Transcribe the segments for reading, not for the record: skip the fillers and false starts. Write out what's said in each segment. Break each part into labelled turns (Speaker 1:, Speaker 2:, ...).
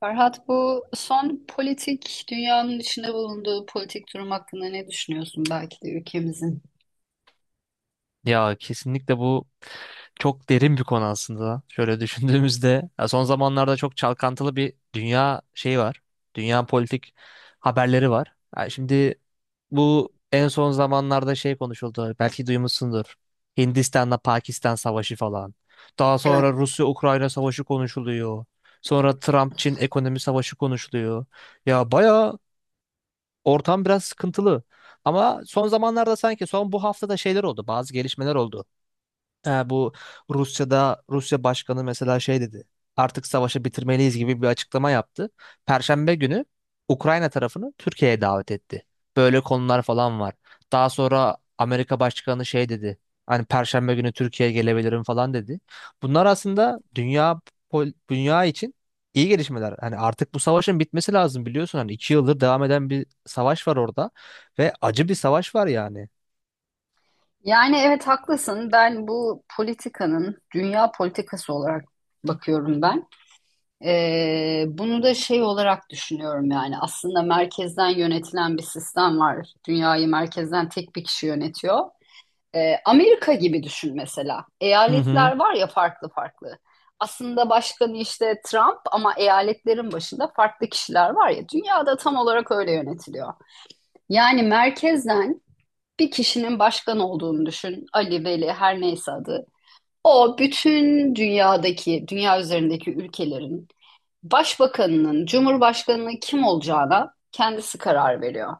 Speaker 1: Ferhat, bu son politik dünyanın içinde bulunduğu politik durum hakkında ne düşünüyorsun belki de ülkemizin?
Speaker 2: Ya kesinlikle bu çok derin bir konu aslında. Şöyle düşündüğümüzde ya son zamanlarda çok çalkantılı bir dünya şeyi var. Dünya politik haberleri var. Ya şimdi bu en son zamanlarda şey konuşuldu. Belki duymuşsundur. Hindistan'la Pakistan savaşı falan. Daha
Speaker 1: Evet.
Speaker 2: sonra Rusya-Ukrayna savaşı konuşuluyor. Sonra Trump-Çin ekonomi savaşı konuşuluyor. Ya baya ortam biraz sıkıntılı. Ama son zamanlarda sanki son bu haftada şeyler oldu. Bazı gelişmeler oldu. Ha, bu Rusya'da Rusya Başkanı mesela şey dedi. Artık savaşı bitirmeliyiz gibi bir açıklama yaptı. Perşembe günü Ukrayna tarafını Türkiye'ye davet etti. Böyle konular falan var. Daha sonra Amerika Başkanı şey dedi. Hani Perşembe günü Türkiye'ye gelebilirim falan dedi. Bunlar aslında dünya için iyi gelişmeler. Hani artık bu savaşın bitmesi lazım biliyorsun. Hani 2 yıldır devam eden bir savaş var orada ve acı bir savaş var yani.
Speaker 1: Yani evet, haklısın. Bu politikanın dünya politikası olarak bakıyorum. Bunu da şey olarak düşünüyorum, yani aslında merkezden yönetilen bir sistem var. Dünyayı merkezden tek bir kişi yönetiyor. Amerika gibi düşün mesela.
Speaker 2: Hı hı.
Speaker 1: Eyaletler var ya, farklı farklı. Aslında başkanı işte Trump, ama eyaletlerin başında farklı kişiler var ya. Dünyada tam olarak öyle yönetiliyor. Yani merkezden bir kişinin başkan olduğunu düşün. Ali, Veli her neyse adı. O bütün dünyadaki, dünya üzerindeki ülkelerin başbakanının, cumhurbaşkanının kim olacağına kendisi karar veriyor.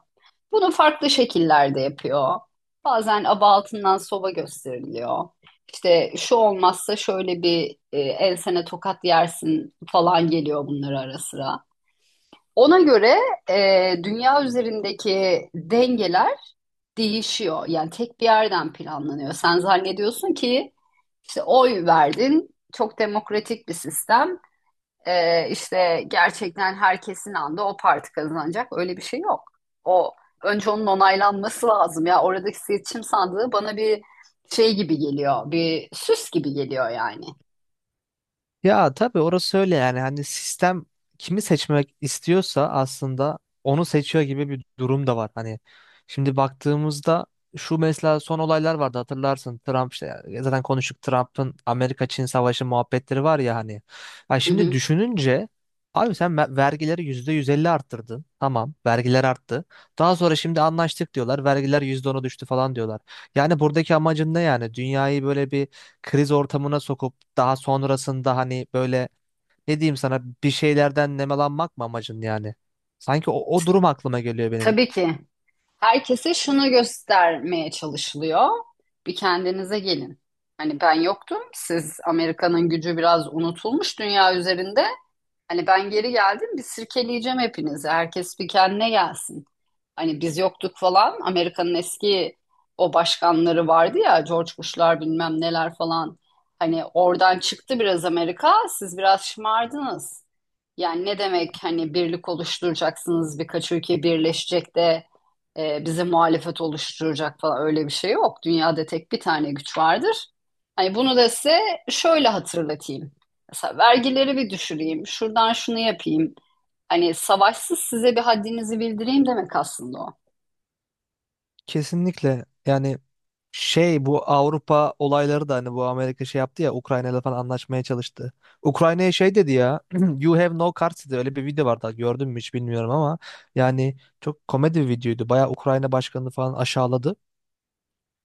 Speaker 1: Bunu farklı şekillerde yapıyor. Bazen aba altından soba gösteriliyor. İşte şu olmazsa şöyle bir ensene tokat yersin falan, geliyor bunlar ara sıra. Ona göre dünya üzerindeki dengeler değişiyor. Yani tek bir yerden planlanıyor. Sen zannediyorsun ki işte oy verdin, çok demokratik bir sistem. İşte gerçekten herkesin anda o parti kazanacak. Öyle bir şey yok. O önce onun onaylanması lazım ya. Oradaki seçim sandığı bana bir şey gibi geliyor. Bir süs gibi geliyor yani.
Speaker 2: Ya tabii orası öyle yani hani sistem kimi seçmek istiyorsa aslında onu seçiyor gibi bir durum da var. Hani şimdi baktığımızda şu mesela son olaylar vardı hatırlarsın, Trump işte zaten konuştuk, Trump'ın Amerika-Çin savaşı muhabbetleri var ya hani. Ya
Speaker 1: Hı
Speaker 2: şimdi
Speaker 1: hı.
Speaker 2: düşününce abi sen vergileri %150 arttırdın, tamam, vergiler arttı. Daha sonra şimdi anlaştık diyorlar, vergiler %10'a düştü falan diyorlar. Yani buradaki amacın ne yani, dünyayı böyle bir kriz ortamına sokup daha sonrasında hani böyle ne diyeyim sana, bir şeylerden nemalanmak mı amacın yani? Sanki o durum aklıma geliyor benim.
Speaker 1: Tabii ki. Herkese şunu göstermeye çalışılıyor. Bir kendinize gelin. Hani ben yoktum. Siz Amerika'nın gücü biraz unutulmuş dünya üzerinde. Hani ben geri geldim. Bir sirkeleyeceğim hepinizi. Herkes bir kendine gelsin. Hani biz yoktuk falan. Amerika'nın eski o başkanları vardı ya, George Bush'lar bilmem neler falan. Hani oradan çıktı biraz Amerika. Siz biraz şımardınız. Yani ne demek hani birlik oluşturacaksınız, birkaç ülke birleşecek de bize muhalefet oluşturacak falan, öyle bir şey yok. Dünyada tek bir tane güç vardır. Hani bunu da size şöyle hatırlatayım. Mesela vergileri bir düşüreyim, şuradan şunu yapayım. Hani savaşsız size bir haddinizi bildireyim demek aslında o.
Speaker 2: Kesinlikle yani, şey, bu Avrupa olayları da hani, bu Amerika şey yaptı ya, Ukrayna falan anlaşmaya çalıştı. Ukrayna'ya şey dedi ya You have no cards dedi, öyle bir video vardı, gördün mü hiç bilmiyorum ama yani çok komedi bir videoydu. Bayağı Ukrayna başkanını falan aşağıladı.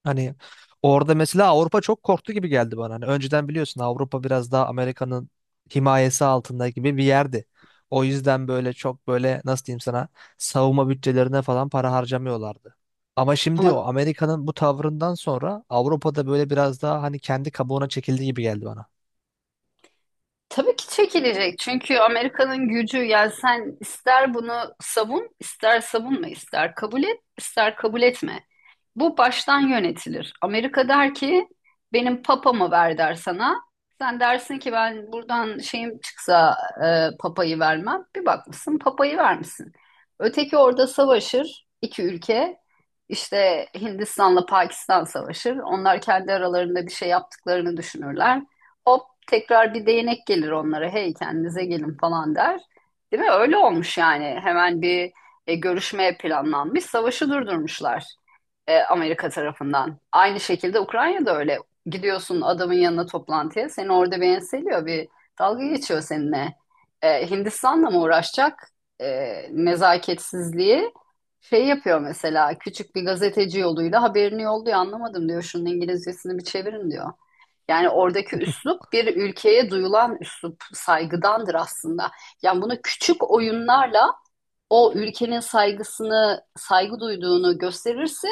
Speaker 2: Hani orada mesela Avrupa çok korktu gibi geldi bana. Hani önceden biliyorsun, Avrupa biraz daha Amerika'nın himayesi altında gibi bir yerdi. O yüzden böyle çok böyle nasıl diyeyim sana, savunma bütçelerine falan para harcamıyorlardı. Ama şimdi o
Speaker 1: Ama
Speaker 2: Amerika'nın bu tavrından sonra Avrupa'da böyle biraz daha hani kendi kabuğuna çekildi gibi geldi bana.
Speaker 1: tabii ki çekilecek. Çünkü Amerika'nın gücü, yani sen ister bunu savun, ister savunma, ister kabul et, ister kabul etme. Bu baştan yönetilir. Amerika der ki benim papamı ver der sana. Sen dersin ki ben buradan şeyim çıksa papayı vermem. Bir bakmışsın papayı vermişsin. Öteki orada savaşır iki ülke. İşte Hindistan'la Pakistan savaşır. Onlar kendi aralarında bir şey yaptıklarını düşünürler. Hop, tekrar bir değnek gelir onlara. Hey kendinize gelin falan der. Değil mi? Öyle olmuş yani. Hemen bir görüşme planlanmış. Savaşı durdurmuşlar Amerika tarafından. Aynı şekilde Ukrayna'da öyle. Gidiyorsun adamın yanına toplantıya. Seni orada bir enseliyor. Bir dalga geçiyor seninle. E, Hindistan'la mı uğraşacak? E, Nezaketsizliği şey yapıyor mesela. Küçük bir gazeteci yoluyla haberini yolluyor. Anlamadım diyor. Şunun İngilizcesini bir çevirin diyor. Yani oradaki üslup bir ülkeye duyulan üslup saygıdandır aslında. Yani bunu küçük oyunlarla o ülkenin saygısını, saygı duyduğunu gösterirse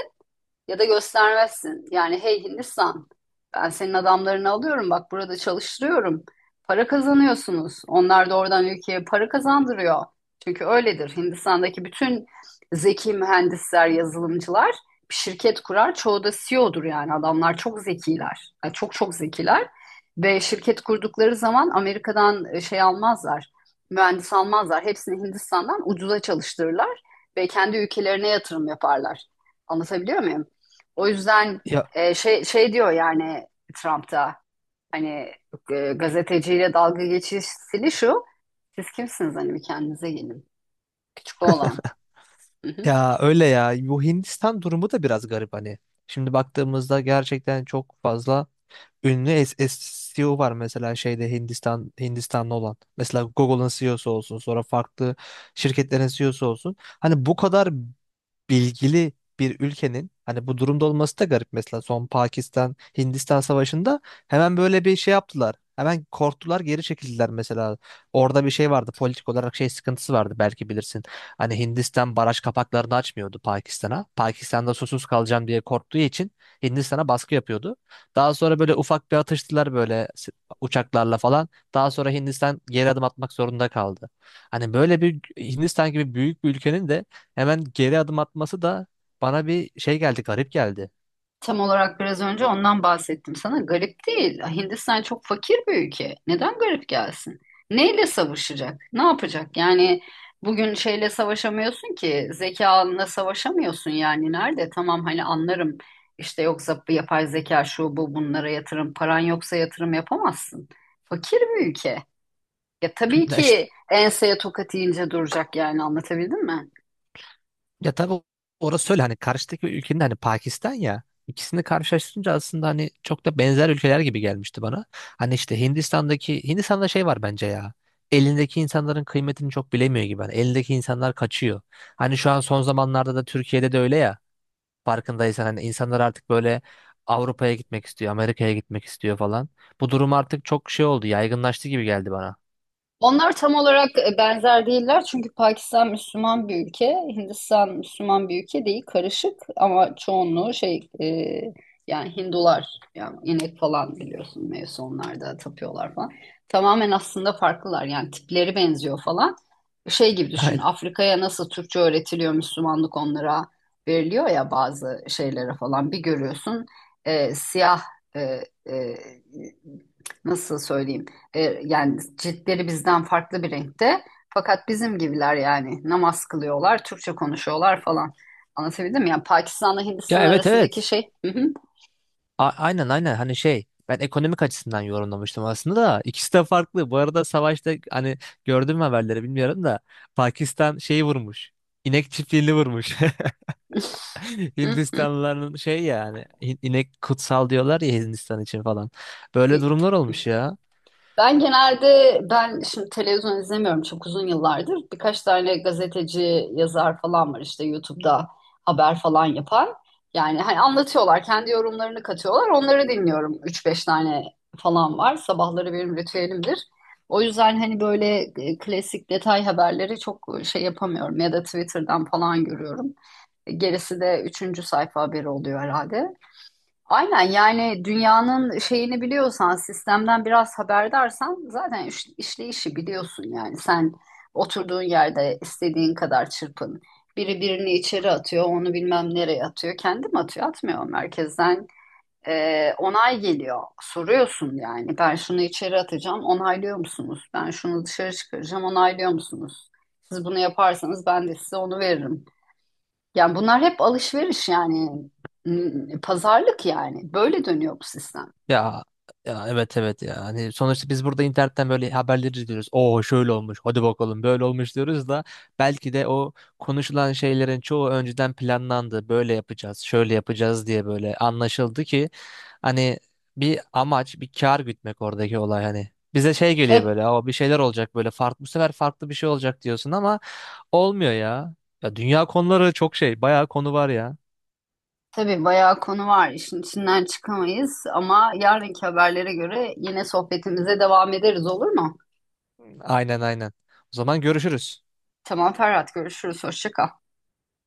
Speaker 1: ya da göstermezsin. Yani hey Hindistan, ben senin adamlarını alıyorum, bak burada çalıştırıyorum. Para kazanıyorsunuz. Onlar da oradan ülkeye para kazandırıyor. Çünkü öyledir. Hindistan'daki bütün zeki mühendisler, yazılımcılar bir şirket kurar. Çoğu da CEO'dur, yani adamlar çok zekiler. Yani çok çok zekiler. Ve şirket kurdukları zaman Amerika'dan şey almazlar. Mühendis almazlar. Hepsini Hindistan'dan ucuza çalıştırırlar ve kendi ülkelerine yatırım yaparlar. Anlatabiliyor muyum? O yüzden
Speaker 2: Ya,
Speaker 1: şey diyor yani Trump'ta hani gazeteciyle dalga geçişini şu. Siz kimsiniz, hani bir kendinize gelin. Küçük oğlan. Hı hı.
Speaker 2: ya öyle ya. Bu Hindistan durumu da biraz garip hani. Şimdi baktığımızda gerçekten çok fazla ünlü CEO var mesela şeyde, Hindistan, Hindistanlı olan. Mesela Google'ın CEO'su olsun, sonra farklı şirketlerin CEO'su olsun. Hani bu kadar bilgili bir ülkenin hani bu durumda olması da garip. Mesela son Pakistan Hindistan savaşında hemen böyle bir şey yaptılar. Hemen korktular, geri çekildiler mesela. Orada bir şey vardı, politik olarak şey sıkıntısı vardı, belki bilirsin. Hani Hindistan baraj kapaklarını açmıyordu Pakistan'a. Pakistan'da susuz kalacağım diye korktuğu için Hindistan'a baskı yapıyordu. Daha sonra böyle ufak bir atıştılar böyle uçaklarla falan. Daha sonra Hindistan geri adım atmak zorunda kaldı. Hani böyle bir Hindistan gibi büyük bir ülkenin de hemen geri adım atması da bana bir şey geldi, garip geldi.
Speaker 1: Tam olarak biraz önce ondan bahsettim sana. Garip değil. Hindistan çok fakir bir ülke. Neden garip gelsin? Neyle savaşacak? Ne yapacak? Yani bugün şeyle savaşamıyorsun ki, zekanla savaşamıyorsun yani. Nerede? Tamam, hani anlarım. İşte yoksa bu yapay zeka şu bu bunlara yatırım. Paran yoksa yatırım yapamazsın. Fakir bir ülke. Ya tabii
Speaker 2: Ya, işte,
Speaker 1: ki enseye tokat yiyince duracak yani, anlatabildim mi?
Speaker 2: ya tabii orası öyle hani karşıdaki ülkenin hani Pakistan ya, ikisini karşılaştırınca aslında hani çok da benzer ülkeler gibi gelmişti bana. Hani işte Hindistan'daki, Hindistan'da şey var bence ya. Elindeki insanların kıymetini çok bilemiyor gibi. Hani elindeki insanlar kaçıyor. Hani şu an son zamanlarda da Türkiye'de de öyle ya. Farkındaysan hani insanlar artık böyle Avrupa'ya gitmek istiyor, Amerika'ya gitmek istiyor falan. Bu durum artık çok şey oldu, yaygınlaştı gibi geldi bana.
Speaker 1: Onlar tam olarak benzer değiller çünkü Pakistan Müslüman bir ülke, Hindistan Müslüman bir ülke değil, karışık ama çoğunluğu şey yani Hindular, yani inek falan biliyorsun mevzu, onlarda tapıyorlar falan. Tamamen aslında farklılar, yani tipleri benziyor falan. Şey gibi düşün, Afrika'ya nasıl Türkçe öğretiliyor, Müslümanlık onlara veriliyor ya, bazı şeylere falan bir görüyorsun siyah e, e, nasıl söyleyeyim? Yani ciltleri bizden farklı bir renkte. Fakat bizim gibiler, yani namaz kılıyorlar, Türkçe konuşuyorlar falan. Anlatabildim mi? Yani Pakistan'la
Speaker 2: Ya,
Speaker 1: Hindistan
Speaker 2: evet
Speaker 1: arasındaki
Speaker 2: evet.
Speaker 1: şey. Hı hı,
Speaker 2: Aynen aynen. Hani şey, ben ekonomik açısından yorumlamıştım aslında, da ikisi de farklı. Bu arada savaşta, hani gördün mü haberleri bilmiyorum da, Pakistan şeyi vurmuş. İnek çiftliğini vurmuş.
Speaker 1: hı.
Speaker 2: Hindistanlıların şey yani inek kutsal diyorlar ya, Hindistan için falan. Böyle durumlar olmuş ya.
Speaker 1: Ben genelde şimdi televizyon izlemiyorum çok uzun yıllardır. Birkaç tane gazeteci, yazar falan var işte YouTube'da haber falan yapan. Yani hani anlatıyorlar, kendi yorumlarını katıyorlar. Onları dinliyorum. Üç beş tane falan var. Sabahları benim ritüelimdir. O yüzden hani böyle klasik detay haberleri çok şey yapamıyorum, ya da Twitter'dan falan görüyorum. Gerisi de üçüncü sayfa haberi oluyor herhalde. Aynen, yani dünyanın şeyini biliyorsan, sistemden biraz haberdarsan zaten işleyişi biliyorsun yani. Sen oturduğun yerde istediğin kadar çırpın. Biri birini içeri atıyor, onu bilmem nereye atıyor. Kendi mi atıyor? Atmıyor. Merkezden onay geliyor. Soruyorsun yani. Ben şunu içeri atacağım, onaylıyor musunuz? Ben şunu dışarı çıkaracağım, onaylıyor musunuz? Siz bunu yaparsanız ben de size onu veririm. Yani bunlar hep alışveriş yani. Pazarlık yani, böyle dönüyor bu sistem.
Speaker 2: Ya, ya evet evet ya. Hani sonuçta biz burada internetten böyle haberleri izliyoruz. Oo, şöyle olmuş. Hadi bakalım, böyle olmuş diyoruz da belki de o konuşulan şeylerin çoğu önceden planlandı. Böyle yapacağız, şöyle yapacağız diye böyle anlaşıldı ki hani bir amaç, bir kar gütmek oradaki olay hani. Bize şey geliyor
Speaker 1: Tabii,
Speaker 2: böyle, ama bir şeyler olacak böyle, farklı bu sefer, farklı bir şey olacak diyorsun ama olmuyor ya. Ya dünya konuları çok şey, bayağı konu var ya.
Speaker 1: tabii bayağı konu var, işin içinden çıkamayız ama yarınki haberlere göre yine sohbetimize devam ederiz, olur mu?
Speaker 2: Aynen aynen. O zaman görüşürüz.
Speaker 1: Tamam Ferhat, görüşürüz, hoşça kal.